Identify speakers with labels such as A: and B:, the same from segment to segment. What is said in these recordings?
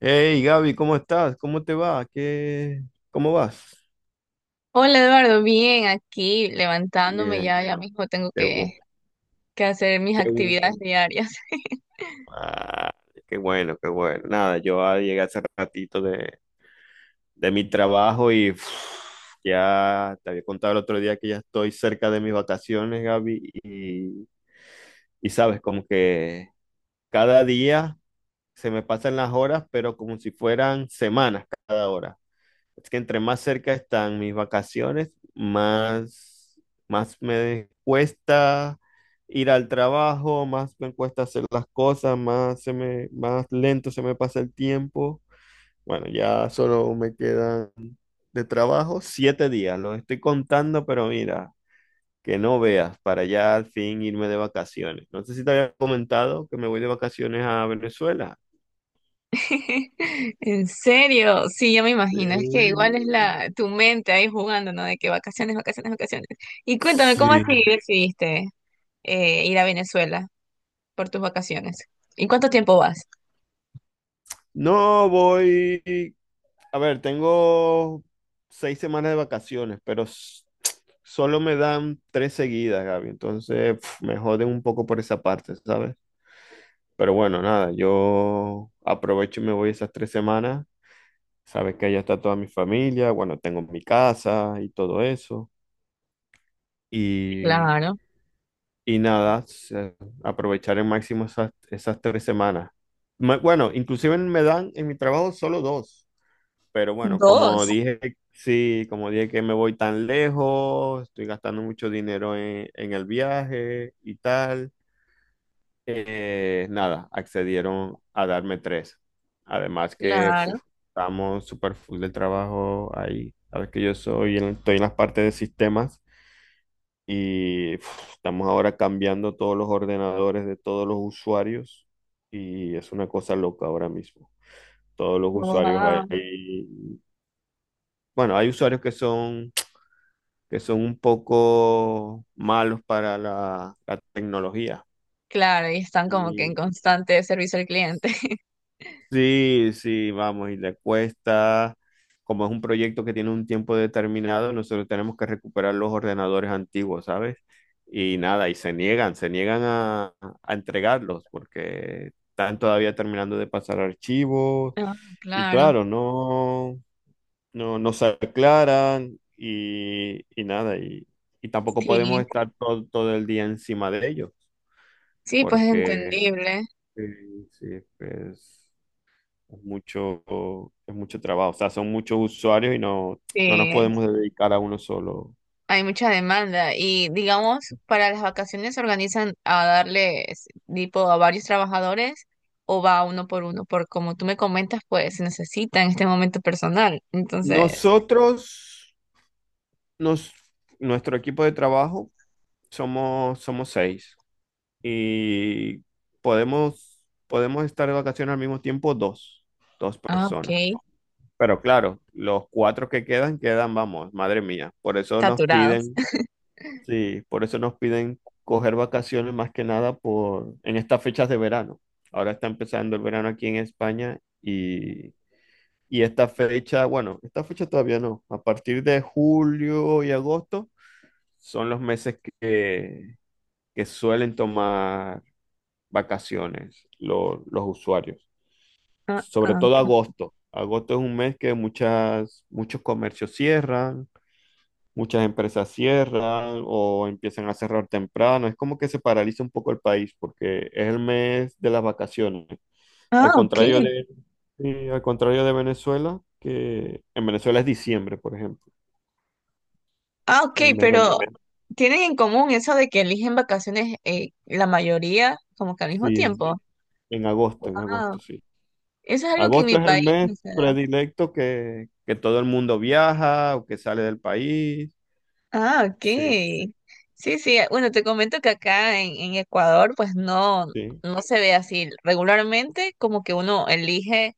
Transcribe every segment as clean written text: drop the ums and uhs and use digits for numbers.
A: Hey Gaby, ¿cómo estás? ¿Cómo te va? ¿Qué... ¿Cómo vas?
B: Hola Eduardo, bien, aquí levantándome
A: Bien,
B: ya, ya mismo tengo
A: qué
B: que,
A: bueno,
B: que hacer mis
A: qué
B: actividades
A: bueno.
B: diarias.
A: Ah, Qué bueno, qué bueno. Nada, yo llegué hace ratito de mi trabajo y uf, ya te había contado el otro día que ya estoy cerca de mis vacaciones, Gaby, y sabes, como que cada día se me pasan las horas, pero como si fueran semanas cada hora. Es que entre más cerca están mis vacaciones, más, más me cuesta ir al trabajo, más me cuesta hacer las cosas, más se me, más lento se me pasa el tiempo. Bueno, ya solo me quedan de trabajo 7 días. Los estoy contando, pero mira, que no veas, para ya al fin irme de vacaciones. No sé si te había comentado que me voy de vacaciones a Venezuela.
B: En serio, sí, ya me imagino, es que igual es
A: Sí.
B: la tu mente ahí jugando, ¿no? De que vacaciones, vacaciones, vacaciones. Y cuéntame, ¿cómo así
A: Sí.
B: decidiste ir a Venezuela por tus vacaciones? ¿Y cuánto tiempo vas?
A: No voy. A ver, tengo 6 semanas de vacaciones, pero solo me dan 3 seguidas, Gaby. Entonces, pf, me joden un poco por esa parte, ¿sabes? Pero bueno, nada, yo aprovecho y me voy esas 3 semanas. Sabes que allá está toda mi familia, bueno, tengo mi casa y todo eso. Y,
B: Claro,
A: y nada, aprovechar al máximo esas, esas 3 semanas. Bueno, inclusive me dan en mi trabajo solo dos. Pero bueno, como
B: dos,
A: dije, sí, como dije que me voy tan lejos, estoy gastando mucho dinero en el viaje y tal, nada, accedieron a darme 3. Además que
B: claro,
A: uf, estamos súper full de trabajo ahí. Sabes que yo soy, estoy en las partes de sistemas y uf, estamos ahora cambiando todos los ordenadores de todos los usuarios y es una cosa loca ahora mismo. Todos los usuarios
B: wow,
A: ahí, bueno, hay usuarios que son, que son un poco malos para la, la tecnología.
B: claro, y están como que en
A: Y
B: constante servicio al cliente.
A: sí, sí, vamos, y le cuesta, como es un proyecto que tiene un tiempo determinado, nosotros tenemos que recuperar los ordenadores antiguos, ¿sabes? Y nada, y se niegan a entregarlos porque están todavía terminando de pasar archivos.
B: Ah,
A: Y
B: claro,
A: claro, no, no, no se aclaran y nada, y tampoco
B: sí.
A: podemos estar todo, todo el día encima de ellos,
B: Sí, pues es
A: porque
B: entendible.
A: sí, pues es mucho, es mucho trabajo, o sea, son muchos usuarios y no, no nos
B: Sí,
A: podemos dedicar a uno solo.
B: hay mucha demanda y digamos, para las vacaciones se organizan a darle tipo a varios trabajadores o va uno por uno, porque como tú me comentas, pues se necesita en este momento personal. Entonces,
A: Nosotros, nos, nuestro equipo de trabajo, somos, somos 6 y podemos, podemos estar de vacaciones al mismo tiempo dos, dos
B: ah, ok,
A: personas. Pero claro, los cuatro que quedan, quedan, vamos, madre mía. Por eso nos
B: saturados.
A: piden, sí, por eso nos piden coger vacaciones más que nada por, en estas fechas de verano. Ahora está empezando el verano aquí en España y esta fecha, bueno, esta fecha todavía no. A partir de julio y agosto son los meses que suelen tomar vacaciones los usuarios.
B: Ah,
A: Sobre
B: ah,
A: todo
B: ok.
A: agosto. Agosto es un mes que muchas, muchos comercios cierran. Muchas empresas cierran o empiezan a cerrar temprano. Es como que se paraliza un poco el país porque es el mes de las vacaciones.
B: Ah,
A: Al
B: ok,
A: contrario de, sí, al contrario de Venezuela, que en Venezuela es diciembre, por ejemplo,
B: Ah, ok,
A: el mes
B: pero
A: donde...
B: tienen en común eso de que eligen vacaciones la mayoría como que al mismo
A: Sí,
B: tiempo.
A: en
B: Ah,
A: agosto, sí.
B: eso es algo que en mi
A: Agosto es el
B: país,
A: mes
B: no sé.
A: predilecto que todo el mundo viaja o que sale del país.
B: Ah, ok.
A: Sí,
B: Sí, sí, bueno, te comento que acá en Ecuador pues no,
A: sí.
B: no se ve así. Regularmente como que uno elige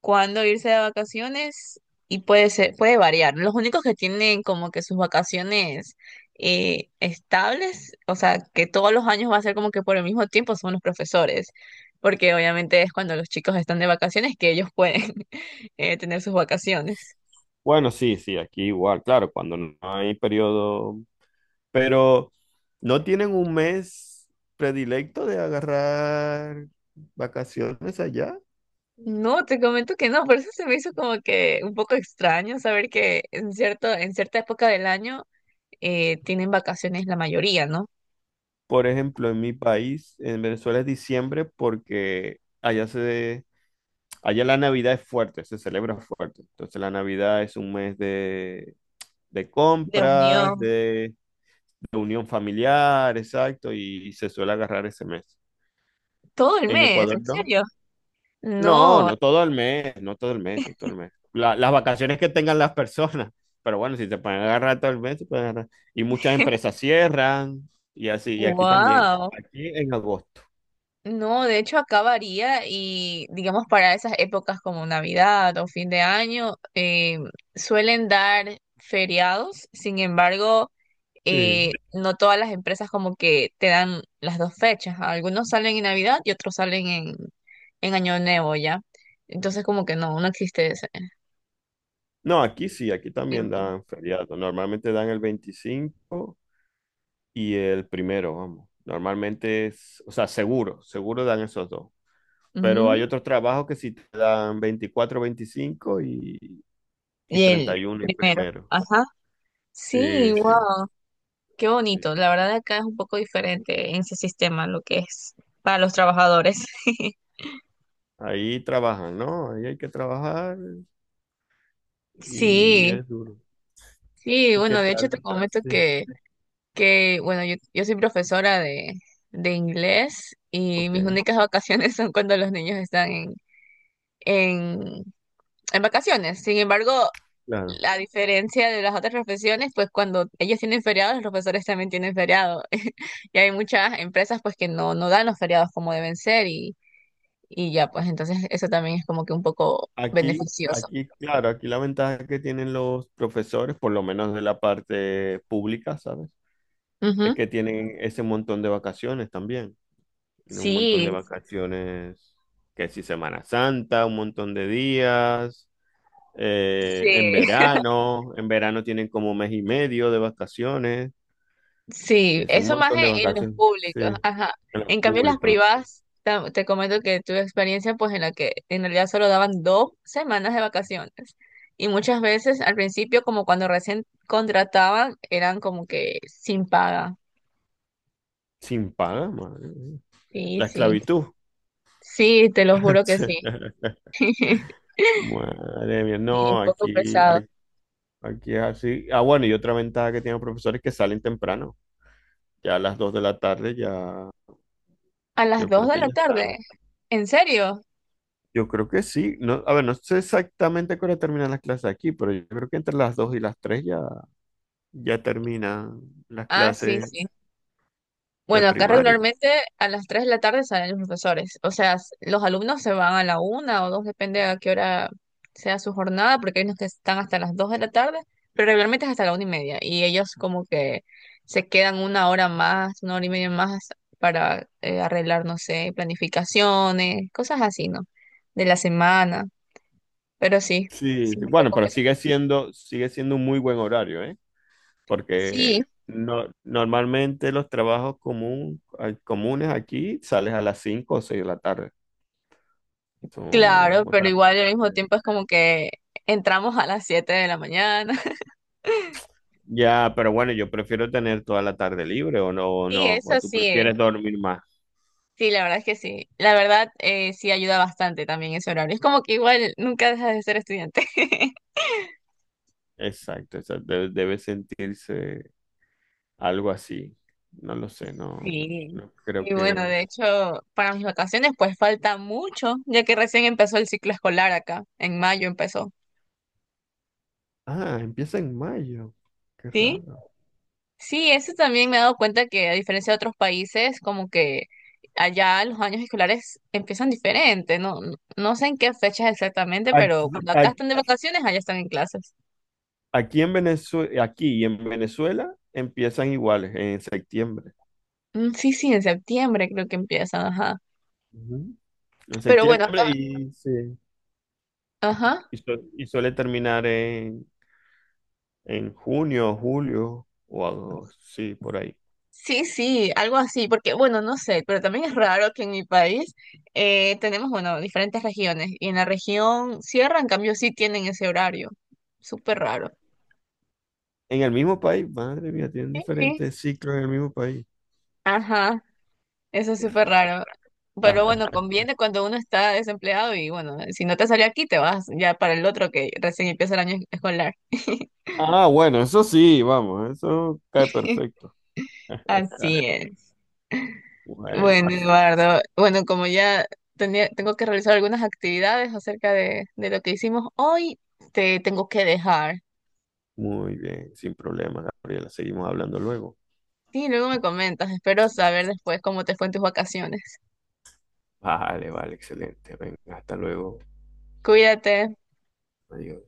B: cuándo irse de vacaciones y puede ser, puede variar. Los únicos que tienen como que sus vacaciones estables, o sea, que todos los años va a ser como que por el mismo tiempo son los profesores, porque obviamente es cuando los chicos están de vacaciones que ellos pueden tener sus vacaciones.
A: Bueno, sí, sí, aquí igual, claro, cuando no hay periodo. Pero no tienen un mes predilecto de agarrar vacaciones allá.
B: No, te comento que no, por eso se me hizo como que un poco extraño saber que en cierto, en cierta época del año tienen vacaciones la mayoría, ¿no?
A: Por ejemplo, en mi país, en Venezuela es diciembre porque allá se, allá la Navidad es fuerte, se celebra fuerte. Entonces la Navidad es un mes de
B: De
A: compras,
B: unión.
A: de unión familiar, exacto, y se suele agarrar ese mes.
B: Todo el
A: En
B: mes,
A: Ecuador
B: ¿en
A: no.
B: serio?
A: No,
B: No.
A: no todo el mes, no todo el mes, no todo el mes. Las vacaciones que tengan las personas, pero bueno, si se pueden agarrar todo el mes, se pueden agarrar. Y muchas empresas cierran y así, y aquí también,
B: Wow.
A: aquí en agosto.
B: No, de hecho acá varía y digamos para esas épocas como Navidad o fin de año suelen dar feriados, sin embargo.
A: Sí.
B: No todas las empresas como que te dan las dos fechas. Algunos salen en Navidad y otros salen en, Año Nuevo, ¿ya? Entonces como que no, no existe ese
A: No, aquí sí, aquí también
B: tiempo.
A: dan feriado. Normalmente dan el 25 y el primero, vamos. Normalmente es, o sea, seguro, seguro dan esos dos. Pero hay
B: Mm.
A: otros trabajos que sí te dan 24, 25 y
B: Y el
A: 31 y
B: primero,
A: primero.
B: ajá. Sí,
A: Sí, sí,
B: wow, qué
A: sí.
B: bonito.
A: Sí.
B: La verdad acá es un poco diferente en ese sistema lo que es para los trabajadores.
A: Ahí trabajan, ¿no? Ahí hay que trabajar y
B: Sí,
A: es duro.
B: sí,
A: ¿Y qué
B: bueno, de hecho
A: tal?
B: te comento
A: Sí,
B: que bueno, yo soy profesora de inglés y
A: ok,
B: mis únicas vacaciones son cuando los niños están en, en, en vacaciones. Sin embargo,
A: claro.
B: la diferencia de las otras profesiones, pues cuando ellos tienen feriados, los profesores también tienen feriado. Y hay muchas empresas pues que no, no dan los feriados como deben ser y ya, pues entonces eso también es como que un poco
A: Aquí,
B: beneficioso.
A: aquí, claro, aquí la ventaja que tienen los profesores, por lo menos de la parte pública, ¿sabes? Es
B: Ujú.
A: que tienen ese montón de vacaciones también. Tienen un montón de
B: Sí,
A: vacaciones, que si Semana Santa, un montón de días,
B: sí.
A: en verano tienen como mes y medio de vacaciones.
B: Sí,
A: Es un
B: eso más
A: montón de
B: en, los
A: vacaciones. Sí.
B: públicos,
A: En
B: ajá.
A: lo
B: En cambio, en las
A: público, en lo público.
B: privadas, te comento que tuve experiencia pues en la que en realidad solo daban 2 semanas de vacaciones. Y muchas veces al principio, como cuando recién contrataban, eran como que sin paga.
A: Sin paga, madre mía.
B: Sí,
A: La
B: sí.
A: esclavitud.
B: Sí, te lo juro que sí.
A: Madre mía,
B: Y un
A: no,
B: poco
A: aquí,
B: pesado.
A: aquí es así. Ah, bueno, y otra ventaja que tienen los profesores es que salen temprano. Ya a las 2 de la tarde ya,
B: A las
A: yo
B: dos
A: creo
B: de
A: que
B: la
A: ya están.
B: tarde. ¿En serio?
A: Yo creo que sí. No, a ver, no sé exactamente a qué hora terminan las clases aquí, pero yo creo que entre las 2 y las 3 ya, ya terminan las
B: Ah, sí,
A: clases
B: sí.
A: de
B: Bueno, acá
A: primaria.
B: regularmente a las 3 de la tarde salen los profesores. O sea, los alumnos se van a la una o 2, depende a qué hora sea su jornada, porque hay unos que están hasta las 2 de la tarde, pero regularmente es hasta la una y media. Y ellos como que se quedan una hora más, una hora y media más para arreglar, no sé, planificaciones, cosas así, ¿no? De la semana. Pero sí,
A: Sí,
B: sí,
A: sí,
B: un
A: bueno,
B: poco
A: pero
B: pesado.
A: sigue siendo un muy buen horario, ¿eh? Porque
B: Sí,
A: no, normalmente los trabajos ay, comunes aquí sales a las 5 o 6 de la tarde. Son,
B: claro,
A: o
B: pero
A: sea,
B: igual al
A: sí,
B: mismo tiempo es como que entramos a las 7 de la mañana.
A: ya, pero bueno, yo prefiero tener toda la tarde libre o no, o
B: Sí,
A: no, o
B: eso
A: tú
B: sí.
A: prefieres dormir más.
B: Sí, la verdad es que sí. La verdad, sí ayuda bastante también ese horario. Es como que igual nunca dejas de ser estudiante.
A: Exacto, o sea, debe sentirse algo así. No lo sé, no,
B: Sí.
A: no creo
B: Y bueno,
A: que...
B: de hecho, para mis vacaciones pues falta mucho, ya que recién empezó el ciclo escolar acá, en mayo empezó.
A: Ah, empieza en mayo. Qué
B: ¿Sí?
A: raro.
B: Sí, eso también me he dado cuenta que a diferencia de otros países, como que allá los años escolares empiezan diferente, no, no no sé en qué fechas exactamente, pero
A: Aquí,
B: cuando acá están de vacaciones, allá están en clases.
A: aquí en Venezuela, aquí y en Venezuela empiezan iguales en septiembre.
B: Mm, sí, sí, en septiembre creo que empiezan, ajá.
A: Ujú. En
B: Pero bueno,
A: septiembre
B: acá.
A: y, sí,
B: Ajá.
A: y, y suele terminar en junio, julio o algo, sí, por ahí.
B: Sí, sí, algo así, porque bueno, no sé, pero también es raro que en mi país tenemos, bueno, diferentes regiones y en la región sierra, en cambio, sí tienen ese horario. Súper raro.
A: En el mismo país, madre mía, tienen
B: Sí, sí.
A: diferentes ciclos en el mismo país.
B: Ajá, eso es
A: Qué
B: súper
A: raro.
B: raro. Pero bueno, conviene cuando uno está desempleado y bueno, si no te sale aquí, te vas ya para el otro que recién empieza el año escolar.
A: Ah, bueno, eso sí, vamos, eso cae perfecto.
B: Así es. Bueno,
A: Bueno,
B: Eduardo, bueno, como ya tenía, tengo que realizar algunas actividades acerca de lo que hicimos hoy, te tengo que dejar.
A: muy bien, sin problema, Gabriela. Seguimos hablando luego.
B: Sí, luego me comentas, espero saber después cómo te fue en tus vacaciones.
A: Vale, vale, excelente. Venga, hasta luego.
B: Cuídate.
A: Adiós.